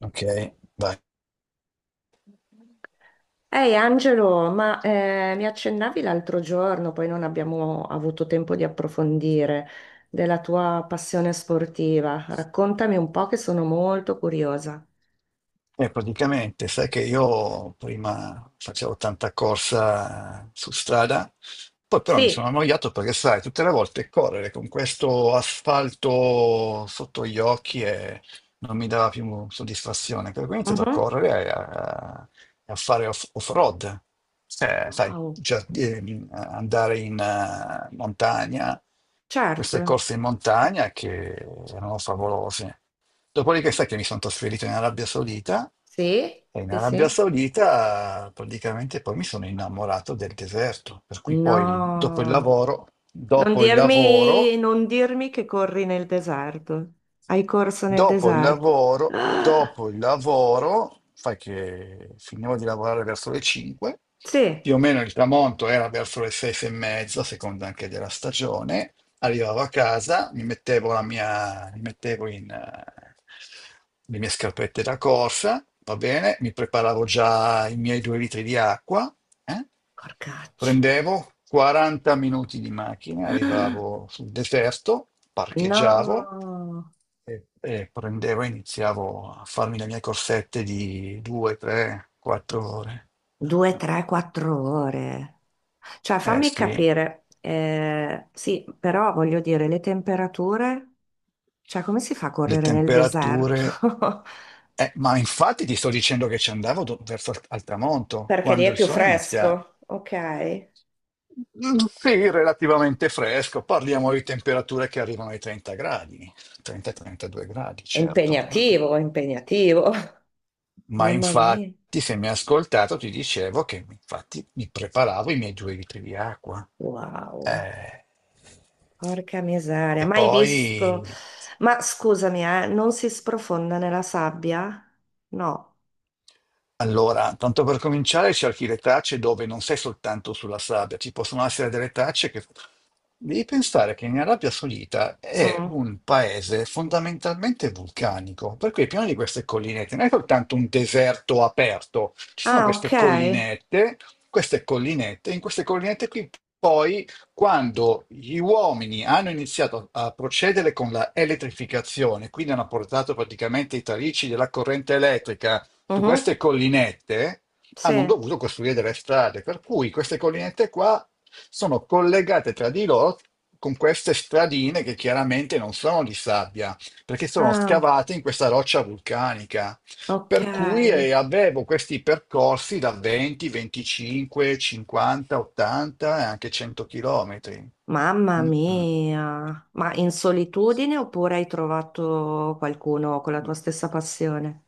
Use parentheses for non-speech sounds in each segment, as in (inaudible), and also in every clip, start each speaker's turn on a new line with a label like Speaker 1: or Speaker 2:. Speaker 1: Ok, vai.
Speaker 2: Ehi Angelo, ma mi accennavi l'altro giorno, poi non abbiamo avuto tempo di approfondire, della tua passione sportiva. Raccontami un po' che sono molto curiosa.
Speaker 1: E praticamente, sai che io prima facevo tanta corsa su strada, poi però mi sono
Speaker 2: Sì.
Speaker 1: annoiato perché, sai, tutte le volte correre con questo asfalto sotto gli occhi e non mi dava più soddisfazione. Per cui ho iniziato a
Speaker 2: Mhm.
Speaker 1: correre e a fare off-road. Sai,
Speaker 2: Wow.
Speaker 1: andare in montagna, queste
Speaker 2: Certo.
Speaker 1: corse in montagna che erano favolose. Dopodiché sai che mi sono trasferito in Arabia Saudita
Speaker 2: Sì,
Speaker 1: e in
Speaker 2: sì,
Speaker 1: Arabia
Speaker 2: sì.
Speaker 1: Saudita praticamente poi mi sono innamorato del deserto, per cui poi dopo il
Speaker 2: No,
Speaker 1: lavoro,
Speaker 2: non
Speaker 1: dopo il lavoro,
Speaker 2: dirmi, non dirmi che corri nel deserto. Hai corso nel
Speaker 1: dopo il
Speaker 2: deserto. (gasps)
Speaker 1: lavoro,
Speaker 2: Ah,
Speaker 1: dopo il lavoro, sai che finivo di lavorare verso le 5,
Speaker 2: sì.
Speaker 1: più o meno il tramonto era verso le 6 e mezza, a seconda anche della stagione. Arrivavo a casa, mi mettevo le mie scarpette da corsa, va bene, mi preparavo già i miei 2 litri di acqua, eh.
Speaker 2: Porcaccio.
Speaker 1: Prendevo 40 minuti di macchina, arrivavo sul deserto, parcheggiavo
Speaker 2: No.
Speaker 1: e prendevo e iniziavo a farmi le mie corsette di 2, 3, 4 ore.
Speaker 2: Due, tre, quattro ore. Cioè,
Speaker 1: Eh
Speaker 2: fammi
Speaker 1: sì.
Speaker 2: capire, sì, però voglio dire, le temperature, cioè, come si fa a
Speaker 1: Le
Speaker 2: correre nel deserto?
Speaker 1: temperature.
Speaker 2: (laughs)
Speaker 1: Ma infatti ti sto dicendo che ci andavo verso al tramonto,
Speaker 2: Perché lì
Speaker 1: quando
Speaker 2: è
Speaker 1: il
Speaker 2: più
Speaker 1: sole inizia.
Speaker 2: fresco, ok? È
Speaker 1: Mm, sì, relativamente fresco, parliamo di temperature che arrivano ai 30 gradi, 30-32 gradi, certo.
Speaker 2: impegnativo, è impegnativo. (laughs)
Speaker 1: Ma
Speaker 2: Mamma mia,
Speaker 1: infatti, se mi hai ascoltato, ti dicevo che infatti mi preparavo i miei due litri di acqua.
Speaker 2: wow,
Speaker 1: Eh,
Speaker 2: porca
Speaker 1: e
Speaker 2: miseria, mai visto.
Speaker 1: poi
Speaker 2: Ma scusami, non si sprofonda nella sabbia? No.
Speaker 1: Allora, tanto per cominciare, cerchi le tracce dove non sei soltanto sulla sabbia, ci possono essere delle tracce che. Devi pensare che in Arabia Saudita è
Speaker 2: Mm.
Speaker 1: un paese fondamentalmente vulcanico, per cui è pieno di queste collinette, non è soltanto un deserto aperto, ci sono
Speaker 2: Ah, ok.
Speaker 1: queste collinette, in queste collinette qui poi quando gli uomini hanno iniziato a procedere con la elettrificazione, quindi hanno portato praticamente i tarici della corrente elettrica su
Speaker 2: Mhm.
Speaker 1: queste collinette,
Speaker 2: Sì.
Speaker 1: hanno dovuto costruire delle strade, per cui queste collinette qua sono collegate tra di loro con queste stradine che chiaramente non sono di sabbia, perché sono
Speaker 2: Ah.
Speaker 1: scavate in questa roccia vulcanica.
Speaker 2: Ok,
Speaker 1: Per cui avevo questi percorsi da 20, 25, 50, 80 e anche 100 chilometri.
Speaker 2: mamma
Speaker 1: Mm, mm.
Speaker 2: mia, ma in solitudine oppure hai trovato qualcuno con la tua stessa passione?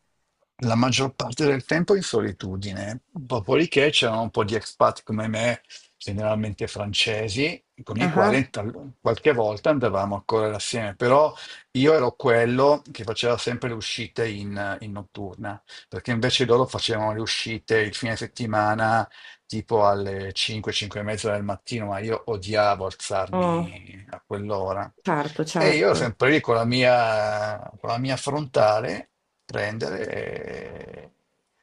Speaker 1: La maggior parte del tempo in solitudine, dopodiché c'erano un po' di expat come me, generalmente francesi, con i
Speaker 2: Ah,
Speaker 1: quali qualche volta andavamo a correre assieme, però io ero quello che faceva sempre le uscite in notturna, perché invece loro facevano le uscite il fine settimana tipo alle 5, 5 e mezza del mattino, ma io odiavo
Speaker 2: ah. Mm,
Speaker 1: alzarmi a quell'ora.
Speaker 2: certo,
Speaker 1: E io ero
Speaker 2: certo,
Speaker 1: sempre lì con la mia frontale, prendere e,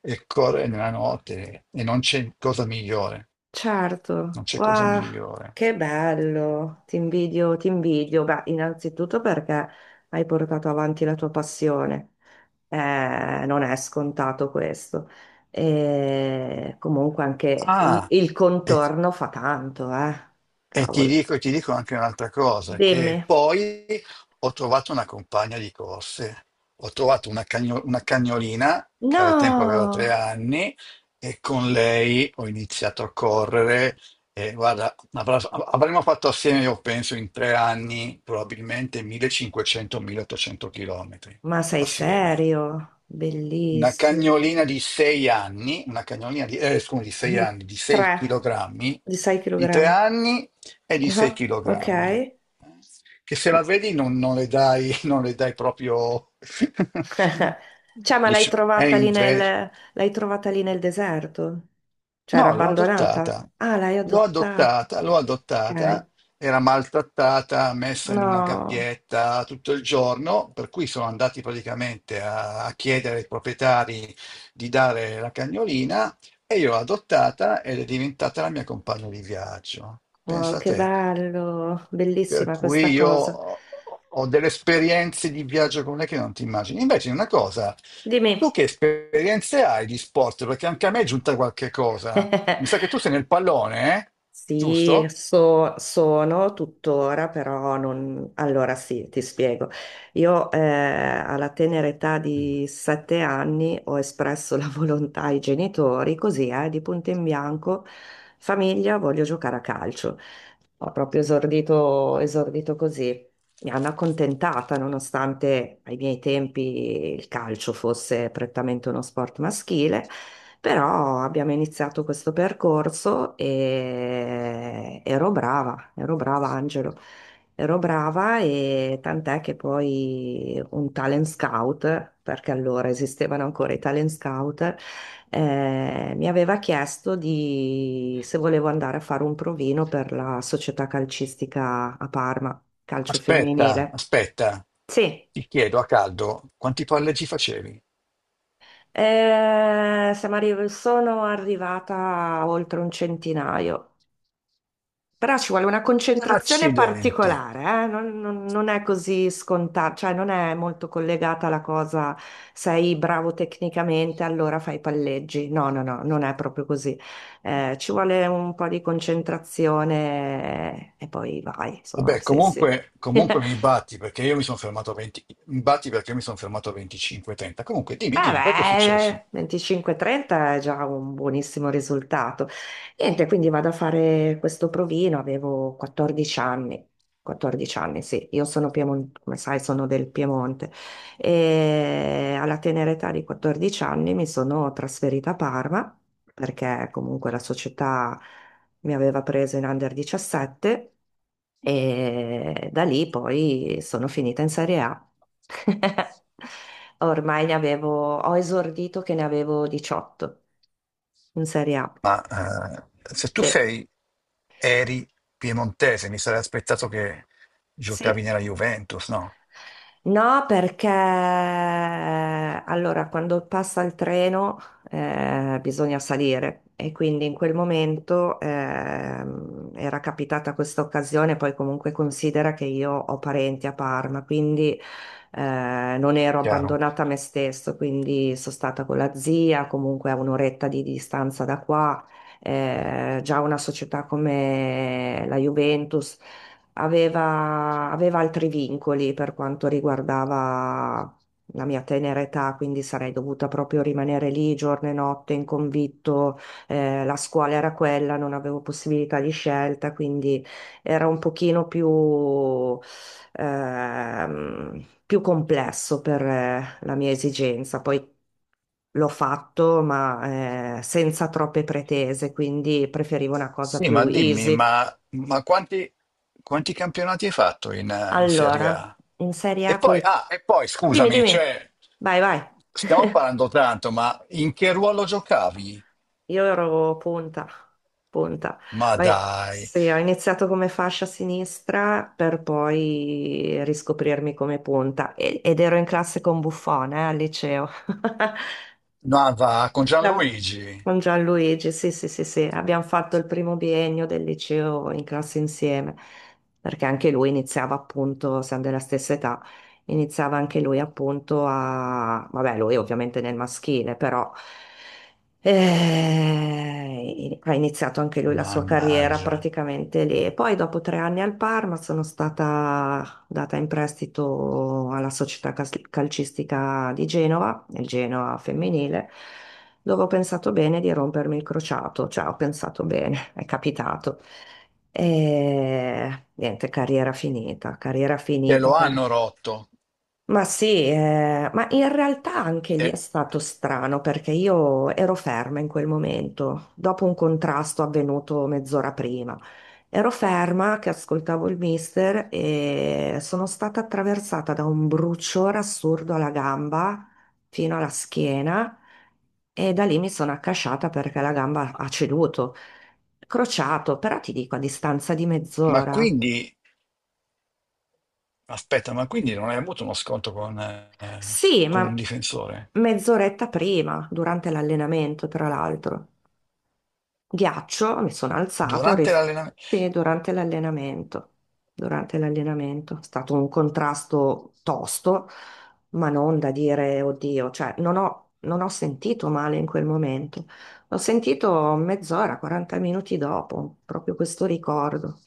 Speaker 1: e correre nella notte. E non c'è cosa migliore.
Speaker 2: certo.
Speaker 1: Non c'è cosa
Speaker 2: Wow,
Speaker 1: migliore.
Speaker 2: che bello, ti invidio, ti invidio. Beh, innanzitutto perché hai portato avanti la tua passione. Non è scontato questo. E comunque anche il,
Speaker 1: Ah,
Speaker 2: il
Speaker 1: e,
Speaker 2: contorno fa tanto, eh.
Speaker 1: E ti
Speaker 2: Cavolo.
Speaker 1: dico, ti dico anche un'altra cosa,
Speaker 2: Dimmi.
Speaker 1: che poi ho trovato una compagna di corse, ho trovato una cagnolina che al tempo aveva tre
Speaker 2: No,
Speaker 1: anni e con lei ho iniziato a correre e guarda, avremmo fatto assieme, io penso, in 3 anni probabilmente 1500-1800 km
Speaker 2: ma sei
Speaker 1: assieme.
Speaker 2: serio?
Speaker 1: Una
Speaker 2: Bellissimo.
Speaker 1: cagnolina di 6 anni, una cagnolina di, scusi, di 6
Speaker 2: Di
Speaker 1: anni, di
Speaker 2: 3,
Speaker 1: 6 kg,
Speaker 2: di 6
Speaker 1: di 3
Speaker 2: kg.
Speaker 1: anni e di 6
Speaker 2: Ok.
Speaker 1: kg. Che se la vedi non le dai, (laughs) non le dai proprio... (laughs)
Speaker 2: (laughs) Cioè, ma
Speaker 1: Dici, è invece...
Speaker 2: l'hai trovata lì nel deserto? Cioè, era
Speaker 1: No, l'ho
Speaker 2: abbandonata?
Speaker 1: adottata,
Speaker 2: Ah, l'hai
Speaker 1: l'ho
Speaker 2: adottata.
Speaker 1: adottata, l'ho
Speaker 2: Ok.
Speaker 1: adottata, era maltrattata, messa in una
Speaker 2: No,
Speaker 1: gabbietta tutto il giorno, per cui sono andati praticamente a, a chiedere ai proprietari di dare la cagnolina e io l'ho adottata ed è diventata la mia compagna di viaggio.
Speaker 2: wow,
Speaker 1: Pensa a
Speaker 2: che
Speaker 1: te,
Speaker 2: bello.
Speaker 1: per
Speaker 2: Bellissima
Speaker 1: cui
Speaker 2: questa
Speaker 1: io
Speaker 2: cosa.
Speaker 1: ho delle esperienze di viaggio con lei che non ti immagini. Invece una cosa, tu
Speaker 2: Dimmi.
Speaker 1: che esperienze hai di sport? Perché anche a me è giunta qualche cosa. Mi sa che
Speaker 2: (laughs)
Speaker 1: tu sei nel pallone, eh?
Speaker 2: Sì,
Speaker 1: Giusto?
Speaker 2: sono tuttora, però non. Allora sì, ti spiego. Io alla tenera età di 7 anni ho espresso la (laughs) volontà ai genitori, così di punto in bianco, famiglia, voglio giocare a calcio. Ho proprio esordito, esordito così. Mi hanno accontentata, nonostante ai miei tempi il calcio fosse prettamente uno sport maschile. Però abbiamo iniziato questo percorso e ero brava Angelo, ero brava e tant'è che poi un talent scout, perché allora esistevano ancora i talent scout, mi aveva chiesto se volevo andare a fare un provino per la società calcistica a Parma, calcio
Speaker 1: Aspetta,
Speaker 2: femminile.
Speaker 1: aspetta.
Speaker 2: Sì.
Speaker 1: Ti chiedo a caldo quanti palleggi facevi?
Speaker 2: Sono arrivata a oltre un centinaio. Però ci vuole una concentrazione
Speaker 1: Accidenti.
Speaker 2: particolare, eh? Non è così scontato, cioè non è molto collegata la cosa, sei bravo tecnicamente, allora fai palleggi. No, no, no, non è proprio così. Ci vuole un po' di concentrazione e poi vai, insomma,
Speaker 1: Vabbè,
Speaker 2: sì, sì.
Speaker 1: comunque,
Speaker 2: (laughs)
Speaker 1: comunque mi batti perché io mi sono fermato a 20, mi batti perché io mi sono fermato a 25-30. Comunque, dimmi,
Speaker 2: Eh
Speaker 1: dimmi, poi cosa è successo?
Speaker 2: beh, 25-30 è già un buonissimo risultato. Niente, quindi vado a fare questo provino, avevo 14 anni, 14 anni, sì, io sono Piemonte, come sai, sono del Piemonte e alla tenera età di 14 anni mi sono trasferita a Parma perché comunque la società mi aveva preso in under 17 e da lì poi sono finita in Serie A. (laughs) Ho esordito che ne avevo 18 in Serie A.
Speaker 1: Ma se tu
Speaker 2: Sì,
Speaker 1: sei, eri piemontese, mi sarei aspettato che giocavi
Speaker 2: sì.
Speaker 1: nella Juventus, no?
Speaker 2: No, perché allora quando passa il treno bisogna salire e quindi in quel momento era capitata questa occasione, poi comunque considera che io ho parenti a Parma, quindi non ero
Speaker 1: Chiaro?
Speaker 2: abbandonata a me stesso, quindi sono stata con la zia, comunque a un'oretta di distanza da qua, già una società come la Juventus aveva altri vincoli per quanto riguardava la mia tenera età, quindi sarei dovuta proprio rimanere lì giorno e notte in convitto, la scuola era quella, non avevo possibilità di scelta, quindi era un pochino più complesso per la mia esigenza. Poi l'ho fatto, ma senza troppe pretese, quindi preferivo una cosa
Speaker 1: Sì,
Speaker 2: più
Speaker 1: ma dimmi,
Speaker 2: easy.
Speaker 1: ma quanti campionati hai fatto in Serie
Speaker 2: Allora,
Speaker 1: A?
Speaker 2: in Serie
Speaker 1: E
Speaker 2: A
Speaker 1: poi,
Speaker 2: col.
Speaker 1: ah, e poi
Speaker 2: Dimmi,
Speaker 1: scusami,
Speaker 2: dimmi.
Speaker 1: cioè,
Speaker 2: Vai, vai.
Speaker 1: stiamo parlando tanto, ma in che ruolo giocavi?
Speaker 2: Io ero punta, punta.
Speaker 1: Ma dai,
Speaker 2: Sì, ho iniziato come fascia sinistra per poi riscoprirmi come punta ed ero in classe con Buffon, al liceo. (laughs)
Speaker 1: no, va con
Speaker 2: Da-
Speaker 1: Gianluigi.
Speaker 2: Con Gianluigi, sì, sì, sì, sì, abbiamo fatto il primo biennio del liceo in classe insieme, perché anche lui iniziava appunto, siamo della stessa età, iniziava anche lui appunto vabbè, lui ovviamente nel maschile, però ha iniziato anche lui la sua carriera
Speaker 1: Mannaggia,
Speaker 2: praticamente lì. E poi dopo 3 anni al Parma sono stata data in prestito alla società calcistica di Genova, il Genoa femminile dove ho pensato bene di rompermi il crociato, cioè ho pensato bene, (laughs) è capitato. E niente, carriera
Speaker 1: te
Speaker 2: finita
Speaker 1: lo hanno rotto.
Speaker 2: ma sì, ma in realtà anche lì è
Speaker 1: E-
Speaker 2: stato strano perché io ero ferma in quel momento, dopo un contrasto avvenuto mezz'ora prima. Ero ferma che ascoltavo il mister e sono stata attraversata da un bruciore assurdo alla gamba fino alla schiena e da lì mi sono accasciata perché la gamba ha ceduto, crociato, però ti dico a distanza di
Speaker 1: ma
Speaker 2: mezz'ora.
Speaker 1: quindi, aspetta, ma quindi non hai avuto uno scontro con, eh,
Speaker 2: Sì,
Speaker 1: con un
Speaker 2: ma
Speaker 1: difensore?
Speaker 2: mezz'oretta prima, durante l'allenamento, tra l'altro. Ghiaccio, mi sono alzato,
Speaker 1: Durante l'allenamento?
Speaker 2: sì, durante l'allenamento. Durante l'allenamento. È stato un contrasto tosto, ma non da dire, oddio, cioè, non ho sentito male in quel momento. L'ho sentito mezz'ora, 40 minuti dopo, proprio questo ricordo.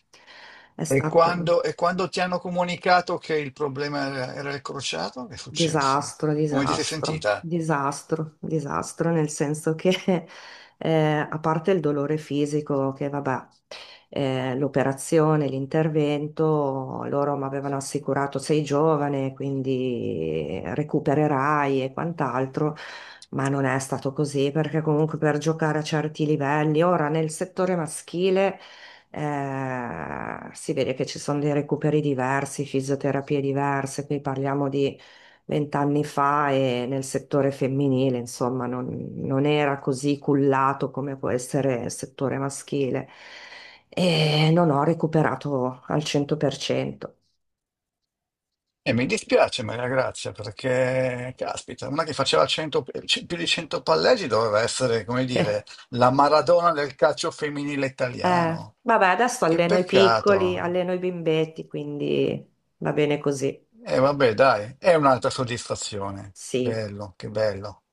Speaker 2: È
Speaker 1: E
Speaker 2: stato
Speaker 1: quando, e quando ti hanno comunicato che il problema era il crociato, che è successo?
Speaker 2: disastro,
Speaker 1: Come ti sei
Speaker 2: disastro,
Speaker 1: sentita?
Speaker 2: disastro, disastro, nel senso che (laughs) a parte il dolore fisico, che vabbè, l'operazione, l'intervento, loro mi avevano assicurato sei giovane, quindi recupererai e quant'altro, ma non è stato così perché comunque per giocare a certi livelli, ora nel settore maschile si vede che ci sono dei recuperi diversi, fisioterapie diverse, qui parliamo di 20 anni fa e nel settore femminile, insomma, non era così cullato come può essere il settore maschile e non ho recuperato al 100%.
Speaker 1: E mi dispiace, Maria Grazia, perché, caspita, una che faceva 100 più di 100 palleggi doveva essere, come
Speaker 2: Eh,
Speaker 1: dire,
Speaker 2: (laughs)
Speaker 1: la Maradona del calcio femminile italiano.
Speaker 2: vabbè, adesso
Speaker 1: Che
Speaker 2: alleno i piccoli,
Speaker 1: peccato.
Speaker 2: alleno i bimbetti, quindi va bene così.
Speaker 1: E vabbè, dai, è un'altra soddisfazione.
Speaker 2: Sì.
Speaker 1: Bello, che bello.